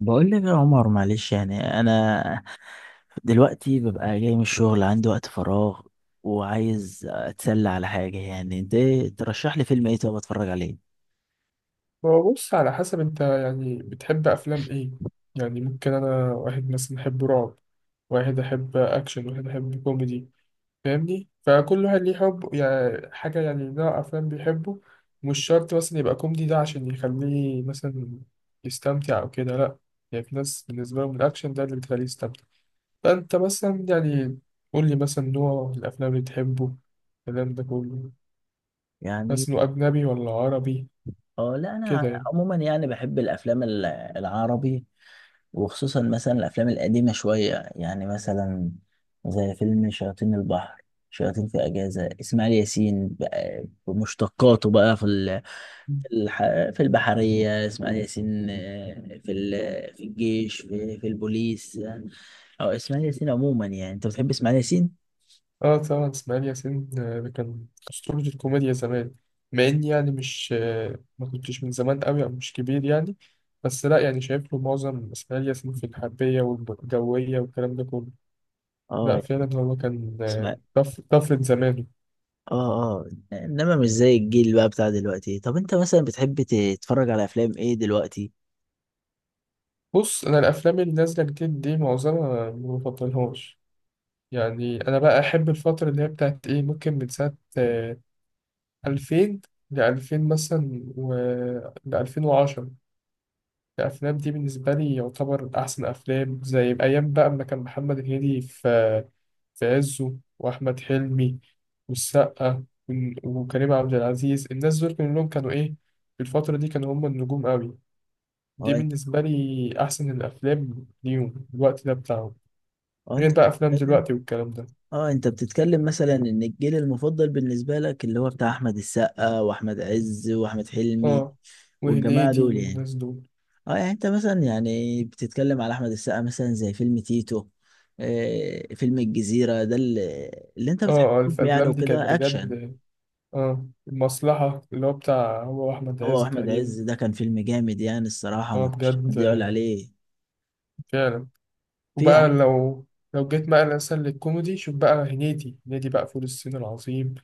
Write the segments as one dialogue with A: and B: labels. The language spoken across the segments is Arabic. A: بقول لك يا عمر، معلش. يعني انا دلوقتي ببقى جاي من الشغل، عندي وقت فراغ وعايز اتسلى على حاجه. يعني انت ترشح لي فيلم ايه طب اتفرج عليه؟
B: هو بص، على حسب انت يعني بتحب افلام ايه؟ يعني ممكن انا، واحد مثلا احب رعب، واحد احب اكشن، واحد احب كوميدي. فاهمني، فكل واحد ليه حب يعني حاجة، يعني نوع افلام بيحبه. مش شرط مثلا يبقى كوميدي ده عشان يخليه مثلا يستمتع او كده، لا. يعني في ناس بالنسبة لهم الاكشن ده اللي بتخليه يستمتع. فانت مثلا يعني قول لي مثلا نوع الافلام اللي تحبه، الكلام ده كله.
A: يعني
B: بس انه اجنبي ولا عربي
A: اه، لا،
B: كده
A: انا
B: يعني؟
A: عموما يعني بحب الافلام العربي، وخصوصا مثلا الافلام القديمه شويه، يعني مثلا زي فيلم شياطين البحر، شياطين في اجازه. اسماعيل ياسين بقى بمشتقاته بقى، في في في البحريه اسماعيل ياسين، في في الجيش، في البوليس، او اسماعيل ياسين عموما. يعني انت بتحب اسماعيل ياسين؟
B: اه طبعا اسماعيل ياسين، ده كان أسطورة الكوميديا زمان. مع إني يعني مش ما كنتش من زمان قوي أو مش كبير يعني. بس لا يعني شايف له معظم إسماعيل ياسين في الحربية والجوية والكلام ده كله. لا
A: اه.
B: فعلا هو كان،
A: اسمع.
B: طفرة زمانه.
A: اه، اه. انما مش زي الجيل بقى بتاع دلوقتي. طب انت مثلا بتحب تتفرج على افلام ايه دلوقتي؟
B: بص، أنا الأفلام اللي نازلة جديد دي معظمها ما بفضلهاش. يعني أنا بقى أحب الفترة اللي هي بتاعت إيه، ممكن من ساعة 2000 لألفين مثلا و ل2010. الأفلام دي بالنسبة لي يعتبر أحسن أفلام، زي أيام بقى أما كان محمد هنيدي في عزه، وأحمد حلمي والسقا وكريم عبد العزيز. الناس دول كلهم كانوا إيه، في الفترة دي كانوا هم النجوم قوي. دي
A: اه انت
B: بالنسبة لي أحسن الأفلام ليهم، الوقت ده بتاعهم.
A: اه انت
B: غير بقى أفلام دلوقتي والكلام ده.
A: اه انت بتتكلم مثلا ان الجيل المفضل بالنسبة لك اللي هو بتاع احمد السقا، واحمد عز، واحمد حلمي
B: آه،
A: والجماعة دول
B: وهنيدي
A: يعني.
B: والناس دول.
A: اه. يعني انت مثلا يعني بتتكلم على احمد السقا، مثلا زي فيلم تيتو، فيلم الجزيرة ده، اللي انت
B: آه،
A: بتحبهم، يعني
B: الأفلام دي كانت
A: وكده اكشن.
B: بجد. آه، المصلحة، اللي هو بتاع هو أحمد
A: هو
B: عز
A: واحمد
B: تقريبا.
A: عز ده كان فيلم جامد، يعني الصراحة
B: آه
A: ما فيش
B: بجد،
A: حد يقول
B: آه،
A: عليه.
B: فعلا.
A: في.
B: وبقى لو جيت بقى مثلا للكوميدي، شوف بقى هنيدي، هنيدي بقى فول الصين العظيم.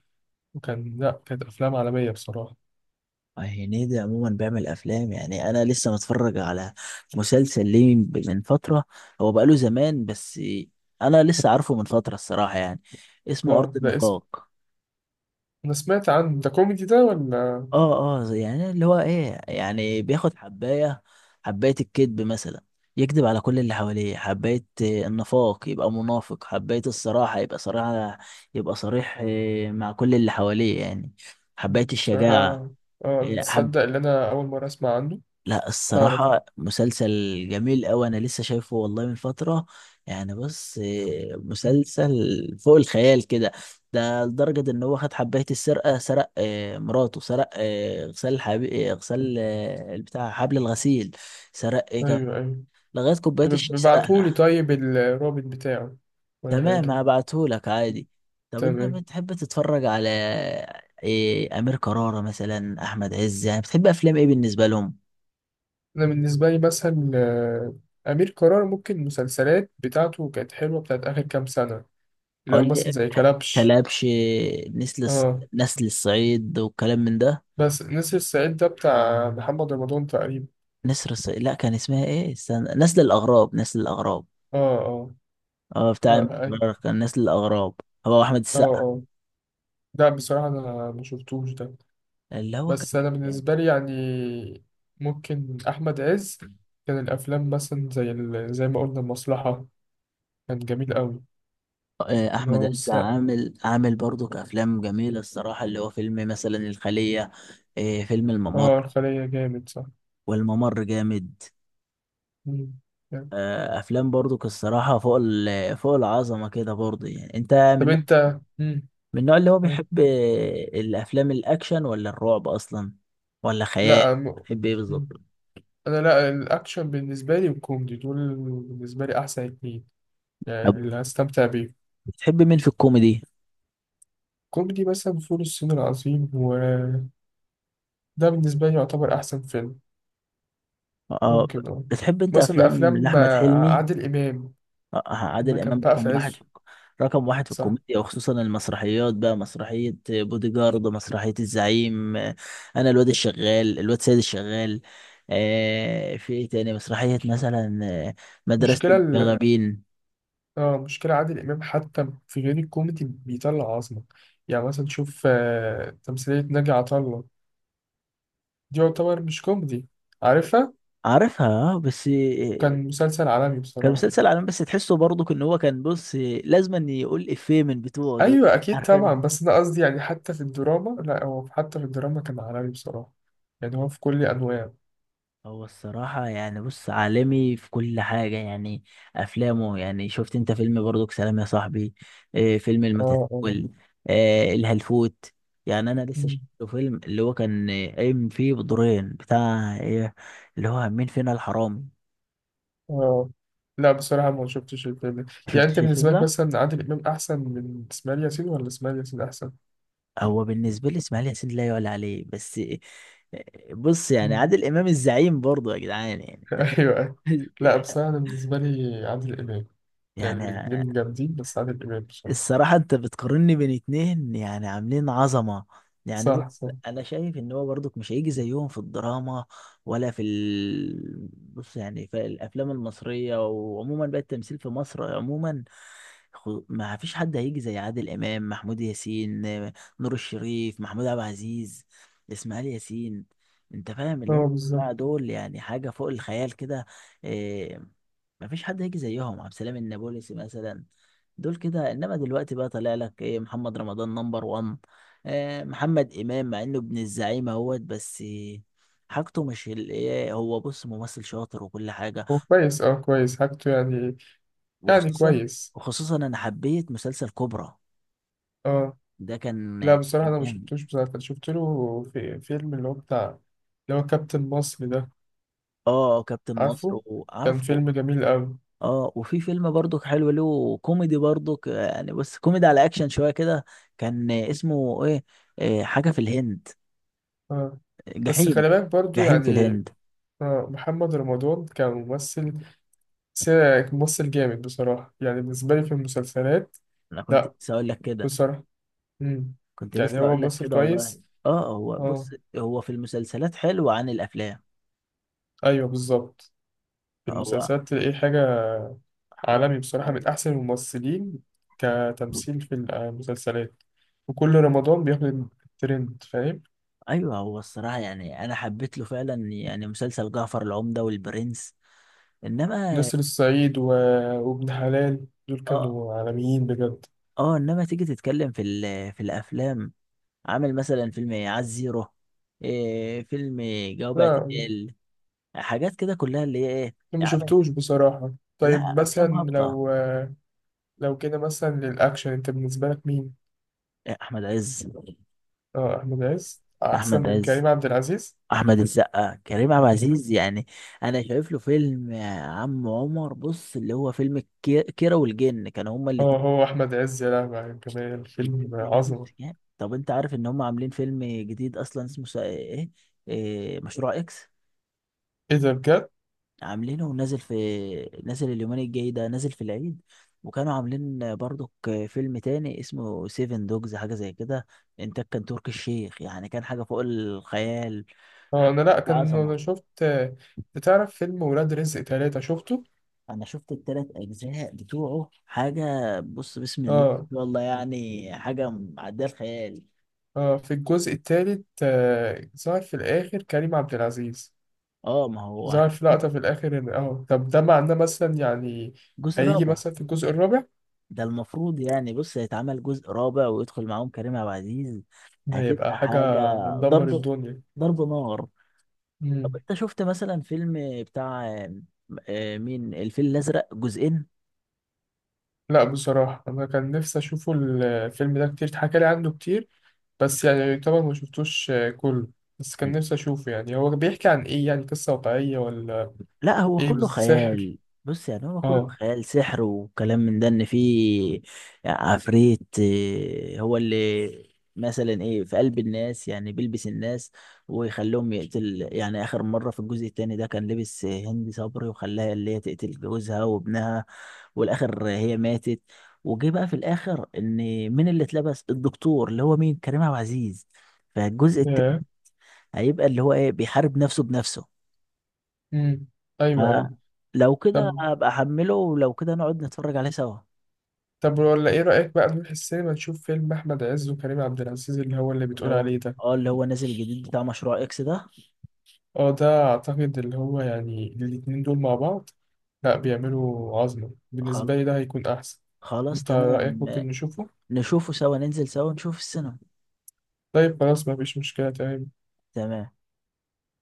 B: وكان لا، كانت أفلام عالمية بصراحة.
A: هنيدي عموما بيعمل افلام. يعني انا لسه متفرج على مسلسل ليه من فتره، هو بقاله زمان، بس انا لسه عارفه من فتره الصراحه، يعني اسمه ارض
B: اه، ده اسم،
A: النفاق.
B: أنا سمعت عن ده، كوميدي ده ولا؟
A: اه، اه، يعني اللي هو ايه، يعني بياخد حبايه، حبايه الكذب مثلا، يكذب على كل اللي حواليه. حبايه النفاق، يبقى منافق. حبايه الصراحه، يبقى صريح، مع كل اللي حواليه يعني. حبايه
B: بصراحة
A: الشجاعه.
B: اه
A: حبيت
B: تصدق، اللي أنا أول مرة أسمع عنه،
A: لا،
B: مش عارف.
A: الصراحة مسلسل جميل أوي، أنا لسه شايفه والله من فترة. يعني بص، مسلسل فوق الخيال كده. ده لدرجة إن هو خد حباية السرقة، سرق مراته، سرق غسال غسال بتاع حبل الغسيل. سرق كان،
B: أيوه، أيوه.
A: لغاية كوباية
B: طب
A: الشاي
B: ابعتهولي
A: سرقها.
B: طيب الرابط بتاعه ولا
A: تمام،
B: حاجة.
A: هبعتهولك عادي. طب أنت
B: تمام.
A: بتحب تتفرج على إيه؟ أمير كرارة مثلا، أحمد عز، يعني بتحب أفلام إيه بالنسبة لهم؟
B: أنا بالنسبة لي مثلا، أمير كرارة، ممكن المسلسلات بتاعته كانت حلوة بتاعت آخر كام سنة. لو
A: قال لي
B: مثلا زي كلبش.
A: كلبش، نسل الص-
B: اه،
A: نسل الصعيد وكلام من ده.
B: بس نسر الصعيد ده بتاع محمد رمضان تقريبا.
A: نسر الصعيد؟ لا، كان اسمها ايه، استنى، نسل الاغراب، نسل الاغراب.
B: اه، اه.
A: اه، بتاع
B: لا. اي.
A: المقرر كان نسل الاغراب. هو احمد
B: اه،
A: السقا.
B: اه. لا بصراحة انا ما شفتوش ده.
A: اللي هو
B: بس
A: كان،
B: انا
A: آه.
B: بالنسبة لي يعني، ممكن احمد عز. كان الافلام مثلا زي ما قلنا المصلحة، كان جميل قوي.
A: آه،
B: كان هو
A: احمد عز
B: والسقا.
A: عامل برضو كافلام جميله الصراحه، اللي هو فيلم مثلا الخليه، فيلم الممر.
B: اه الخلية جامد، صح.
A: والممر جامد.
B: مم. جامد.
A: آه، افلام برضو الصراحه فوق العظمه كده برضو. يعني انت
B: طب
A: من
B: انت، مم.
A: من النوع اللي هو
B: أي.
A: بيحب الافلام الاكشن ولا الرعب اصلا ولا خيال؟
B: لا،
A: بتحب ايه بالظبط؟
B: مم. انا، لا، الاكشن بالنسبة لي والكوميدي دول بالنسبة لي احسن اتنين، يعني
A: طب
B: اللي هستمتع بيهم.
A: بتحب مين في الكوميدي؟
B: كوميدي مثلا فول الصين العظيم، وده بالنسبة لي يعتبر أحسن فيلم.
A: اه.
B: ممكن، اه.
A: بتحب انت
B: مثلا
A: افلام
B: أفلام،
A: لاحمد حلمي؟
B: عادل إمام
A: آه،
B: لما
A: عادل
B: كان
A: امام
B: بقى في
A: رقم واحد
B: عزه.
A: في رقم واحد في
B: صح.
A: الكوميديا، وخصوصا المسرحيات بقى، مسرحية بودي جارد، مسرحية الزعيم، انا الواد الشغال، الواد سيد الشغال، آه، في ايه تاني مسرحية مثلا، مدرسة
B: مشكلة ال...
A: المشاغبين.
B: اه، مشكلة عادل إمام، حتى في غير الكوميدي بيطلع عظمة. يعني مثلا شوف، تمثيلية ناجي عطا الله، دي يعتبر مش كوميدي، عارفها؟
A: عارفها، بس.
B: كان مسلسل عالمي
A: كان
B: بصراحة.
A: مسلسل عالمي، بس تحسه برضه ان هو كان بص، لازما يقول افيه من بتوعه دول.
B: أيوة أكيد طبعا،
A: عارفينه.
B: بس أنا قصدي يعني حتى في الدراما، لا هو حتى في الدراما كان عالمي بصراحة. يعني هو في كل أنواعه.
A: هو الصراحة يعني بص عالمي في كل حاجة، يعني أفلامه. يعني شفت أنت فيلم برضك سلام يا صاحبي، فيلم
B: اه،
A: المتسول، الهلفوت؟ يعني أنا لسه شفت
B: اه،
A: فيلم اللي هو كان، قايم فيه بدورين بتاع اللي هو مين فينا الحرامي.
B: اه. لا بصراحة ما شفتش الفيلم ده. يعني أنت
A: شفتش الفيلم
B: بالنسبة لك
A: ده؟
B: مثلا عادل إمام أحسن من إسماعيل ياسين ولا إسماعيل ياسين أحسن؟
A: هو بالنسبة لي إسماعيل ياسين لا يعلى عليه، بس بص يعني
B: مم.
A: عادل إمام، الزعيم برضه يا جدعان، يعني أنت
B: أيوه.
A: فاهم؟
B: لا بصراحة أنا بالنسبة لي عادل إمام، يعني
A: يعني
B: الاتنين جامدين، بس عادل إمام بصراحة.
A: الصراحة انت بتقارني بين اتنين يعني عاملين عظمة. يعني
B: صح،
A: بص،
B: صح.
A: انا شايف ان هو برضك مش هيجي زيهم في الدراما، ولا في بص، يعني في الافلام المصرية، وعموما بقى التمثيل في مصر عموما، ما فيش حد هيجي زي عادل امام، محمود ياسين، نور الشريف، محمود عبد العزيز، اسماعيل ياسين. انت فاهم اللي هم
B: أه، بالظبط.
A: دول، يعني حاجة فوق الخيال كده. آه، ما فيش حد هيجي زيهم. عبد السلام النابلسي مثلا، دول كده. انما دلوقتي بقى طالع لك ايه، محمد رمضان نمبر 1. محمد امام مع انه ابن الزعيم اهوت، بس حاجته مش ال- ايه هو بص ممثل شاطر وكل حاجه.
B: هو كويس، أه كويس حاجته يعني
A: وخصوصا
B: كويس.
A: وخصوصا انا حبيت مسلسل كوبرا
B: أه.
A: ده. كان
B: لا بصراحة
A: كان
B: أنا ما
A: جامد.
B: شفتوش، بصراحة أنا شفت له في فيلم، اللي هو كابتن مصر ده،
A: اه كابتن مصر،
B: عارفه؟ كان
A: وعارفه.
B: فيلم جميل أوي.
A: اه، وفي فيلم برضو حلو له كوميدي برضو، يعني بس كوميدي على اكشن شويه كده، كان اسمه ايه، إيه، حاجه في الهند،
B: أه، بس
A: جحيم
B: خلي بالك برضو
A: جحيم في
B: يعني،
A: الهند.
B: محمد رمضان كممثل، س- ممثل جامد بصراحة يعني بالنسبة لي في المسلسلات.
A: انا كنت
B: لا
A: لسه اقول لك كده
B: بصراحة. مم.
A: كنت
B: يعني
A: لسه
B: هو
A: اقول لك
B: ممثل
A: كده والله.
B: كويس.
A: اه، هو
B: اه،
A: بص هو في المسلسلات حلو عن الافلام.
B: ايوه، بالظبط. في
A: هو
B: المسلسلات تلاقيه حاجة
A: حاجه
B: عالمي بصراحة،
A: صعبة.
B: من أحسن الممثلين كتمثيل في المسلسلات. وكل رمضان بياخد الترند، فاهم؟
A: ايوه، هو الصراحه يعني انا حبيت له فعلا يعني مسلسل جعفر العمده والبرنس، انما
B: نسر الصعيد و... وابن حلال دول
A: اه،
B: كانوا عالميين بجد.
A: اه، انما تيجي تتكلم في الافلام، عامل مثلا فيلم عز زيرو، فيلم جواب
B: لا،
A: اعتقال، حاجات كده كلها اللي هي ايه.
B: أنا ما
A: عامل.
B: شفتوش بصراحة. طيب
A: لا، افلام
B: مثلا
A: هابطه.
B: لو كده مثلا للأكشن، أنت بالنسبة لك مين؟
A: احمد عز.
B: أه، أحمد عز أحسن
A: احمد
B: من
A: عز،
B: كريم عبد العزيز؟
A: احمد السقا، كريم عبد العزيز يعني. انا شايف له فيلم يا عم عمر، بص اللي هو فيلم كيرة والجن، كانوا هما
B: أه،
A: الاتنين.
B: هو أحمد عز، يا لهوي على الجمال، الفيلم
A: الفيلم ده بص
B: عظمة.
A: يعني، طب انت عارف ان هما عاملين فيلم جديد اصلا اسمه سا- ايه, إيه مشروع اكس؟
B: إيه ده بجد؟
A: عاملينه ونازل نازل اليومين الجاي ده، نازل في العيد. وكانوا عاملين برضك فيلم تاني اسمه سيفن دوجز، حاجة زي كده، انتاج كان تركي الشيخ، يعني كان حاجة فوق الخيال،
B: أه
A: حاجة
B: أنا لأ، كان أنا
A: عظمة.
B: شفت. بتعرف فيلم ولاد رزق 3، شفته؟
A: انا شفت التلات اجزاء بتوعه، حاجه بص بسم الله
B: أه،
A: ما شاء الله، يعني حاجه معديه الخيال.
B: أه، في الجزء التالت ظهر في الآخر كريم عبد العزيز.
A: اه، ما هو
B: ظهر
A: عشان
B: في لقطة
A: كده.
B: في الآخر إن، أه، طب ده معناه مثلا يعني
A: جزء
B: هيجي
A: رابع.
B: مثلا في الجزء الرابع؟
A: ده المفروض يعني بص هيتعمل جزء رابع ويدخل معاهم كريم عبد العزيز.
B: ده هيبقى
A: هتبقى حاجه،
B: حاجة هندمر
A: ضرب،
B: الدنيا.
A: ضرب نار. طب انت شفت مثلا فيلم بتاع، مين، الفيل الازرق جزئين؟
B: لا بصراحة أنا كان نفسي أشوفه، الفيلم ده كتير اتحكى لي عنه كتير، بس يعني طبعا ما شفتوش، كله. بس كان نفسي أشوفه. يعني هو بيحكي عن إيه، يعني قصة واقعية ولا
A: لا، هو
B: إيه،
A: كله
B: بالسحر؟
A: خيال. بص يعني هو كله
B: آه.
A: خيال، سحر وكلام من ده، ان في عفريت هو اللي مثلا في قلب الناس، يعني بيلبس الناس ويخليهم يقتل. يعني اخر مرة في الجزء التاني ده كان لبس هند صبري وخلاها اللي هي تقتل جوزها وابنها، والاخر هي ماتت. وجه بقى في الاخر ان مين اللي اتلبس، الدكتور اللي هو مين، كريم عبد العزيز، فالجزء التاني
B: ياه.
A: هيبقى اللي هو بيحارب نفسه بنفسه.
B: أمم أيوه، أيوه.
A: آه. لو كده
B: طب
A: ابقى احمله، ولو كده نقعد نتفرج عليه سوا.
B: طب ولا إيه رأيك بقى نروح السينما نشوف فيلم أحمد عز وكريم عبد العزيز، اللي بتقول
A: لو،
B: عليه ده؟
A: اللي هو نازل جديد بتاع مشروع اكس ده.
B: آه، ده أعتقد اللي هو يعني الاتنين دول مع بعض، لا بيعملوا عظمة.
A: خل...
B: بالنسبة لي ده هيكون أحسن.
A: خلاص
B: أنت رأيك
A: تمام.
B: ممكن نشوفه؟
A: نشوفه سوا، ننزل سوا نشوف السينما.
B: طيب خلاص، مفيش مشكلة، تمام.
A: تمام.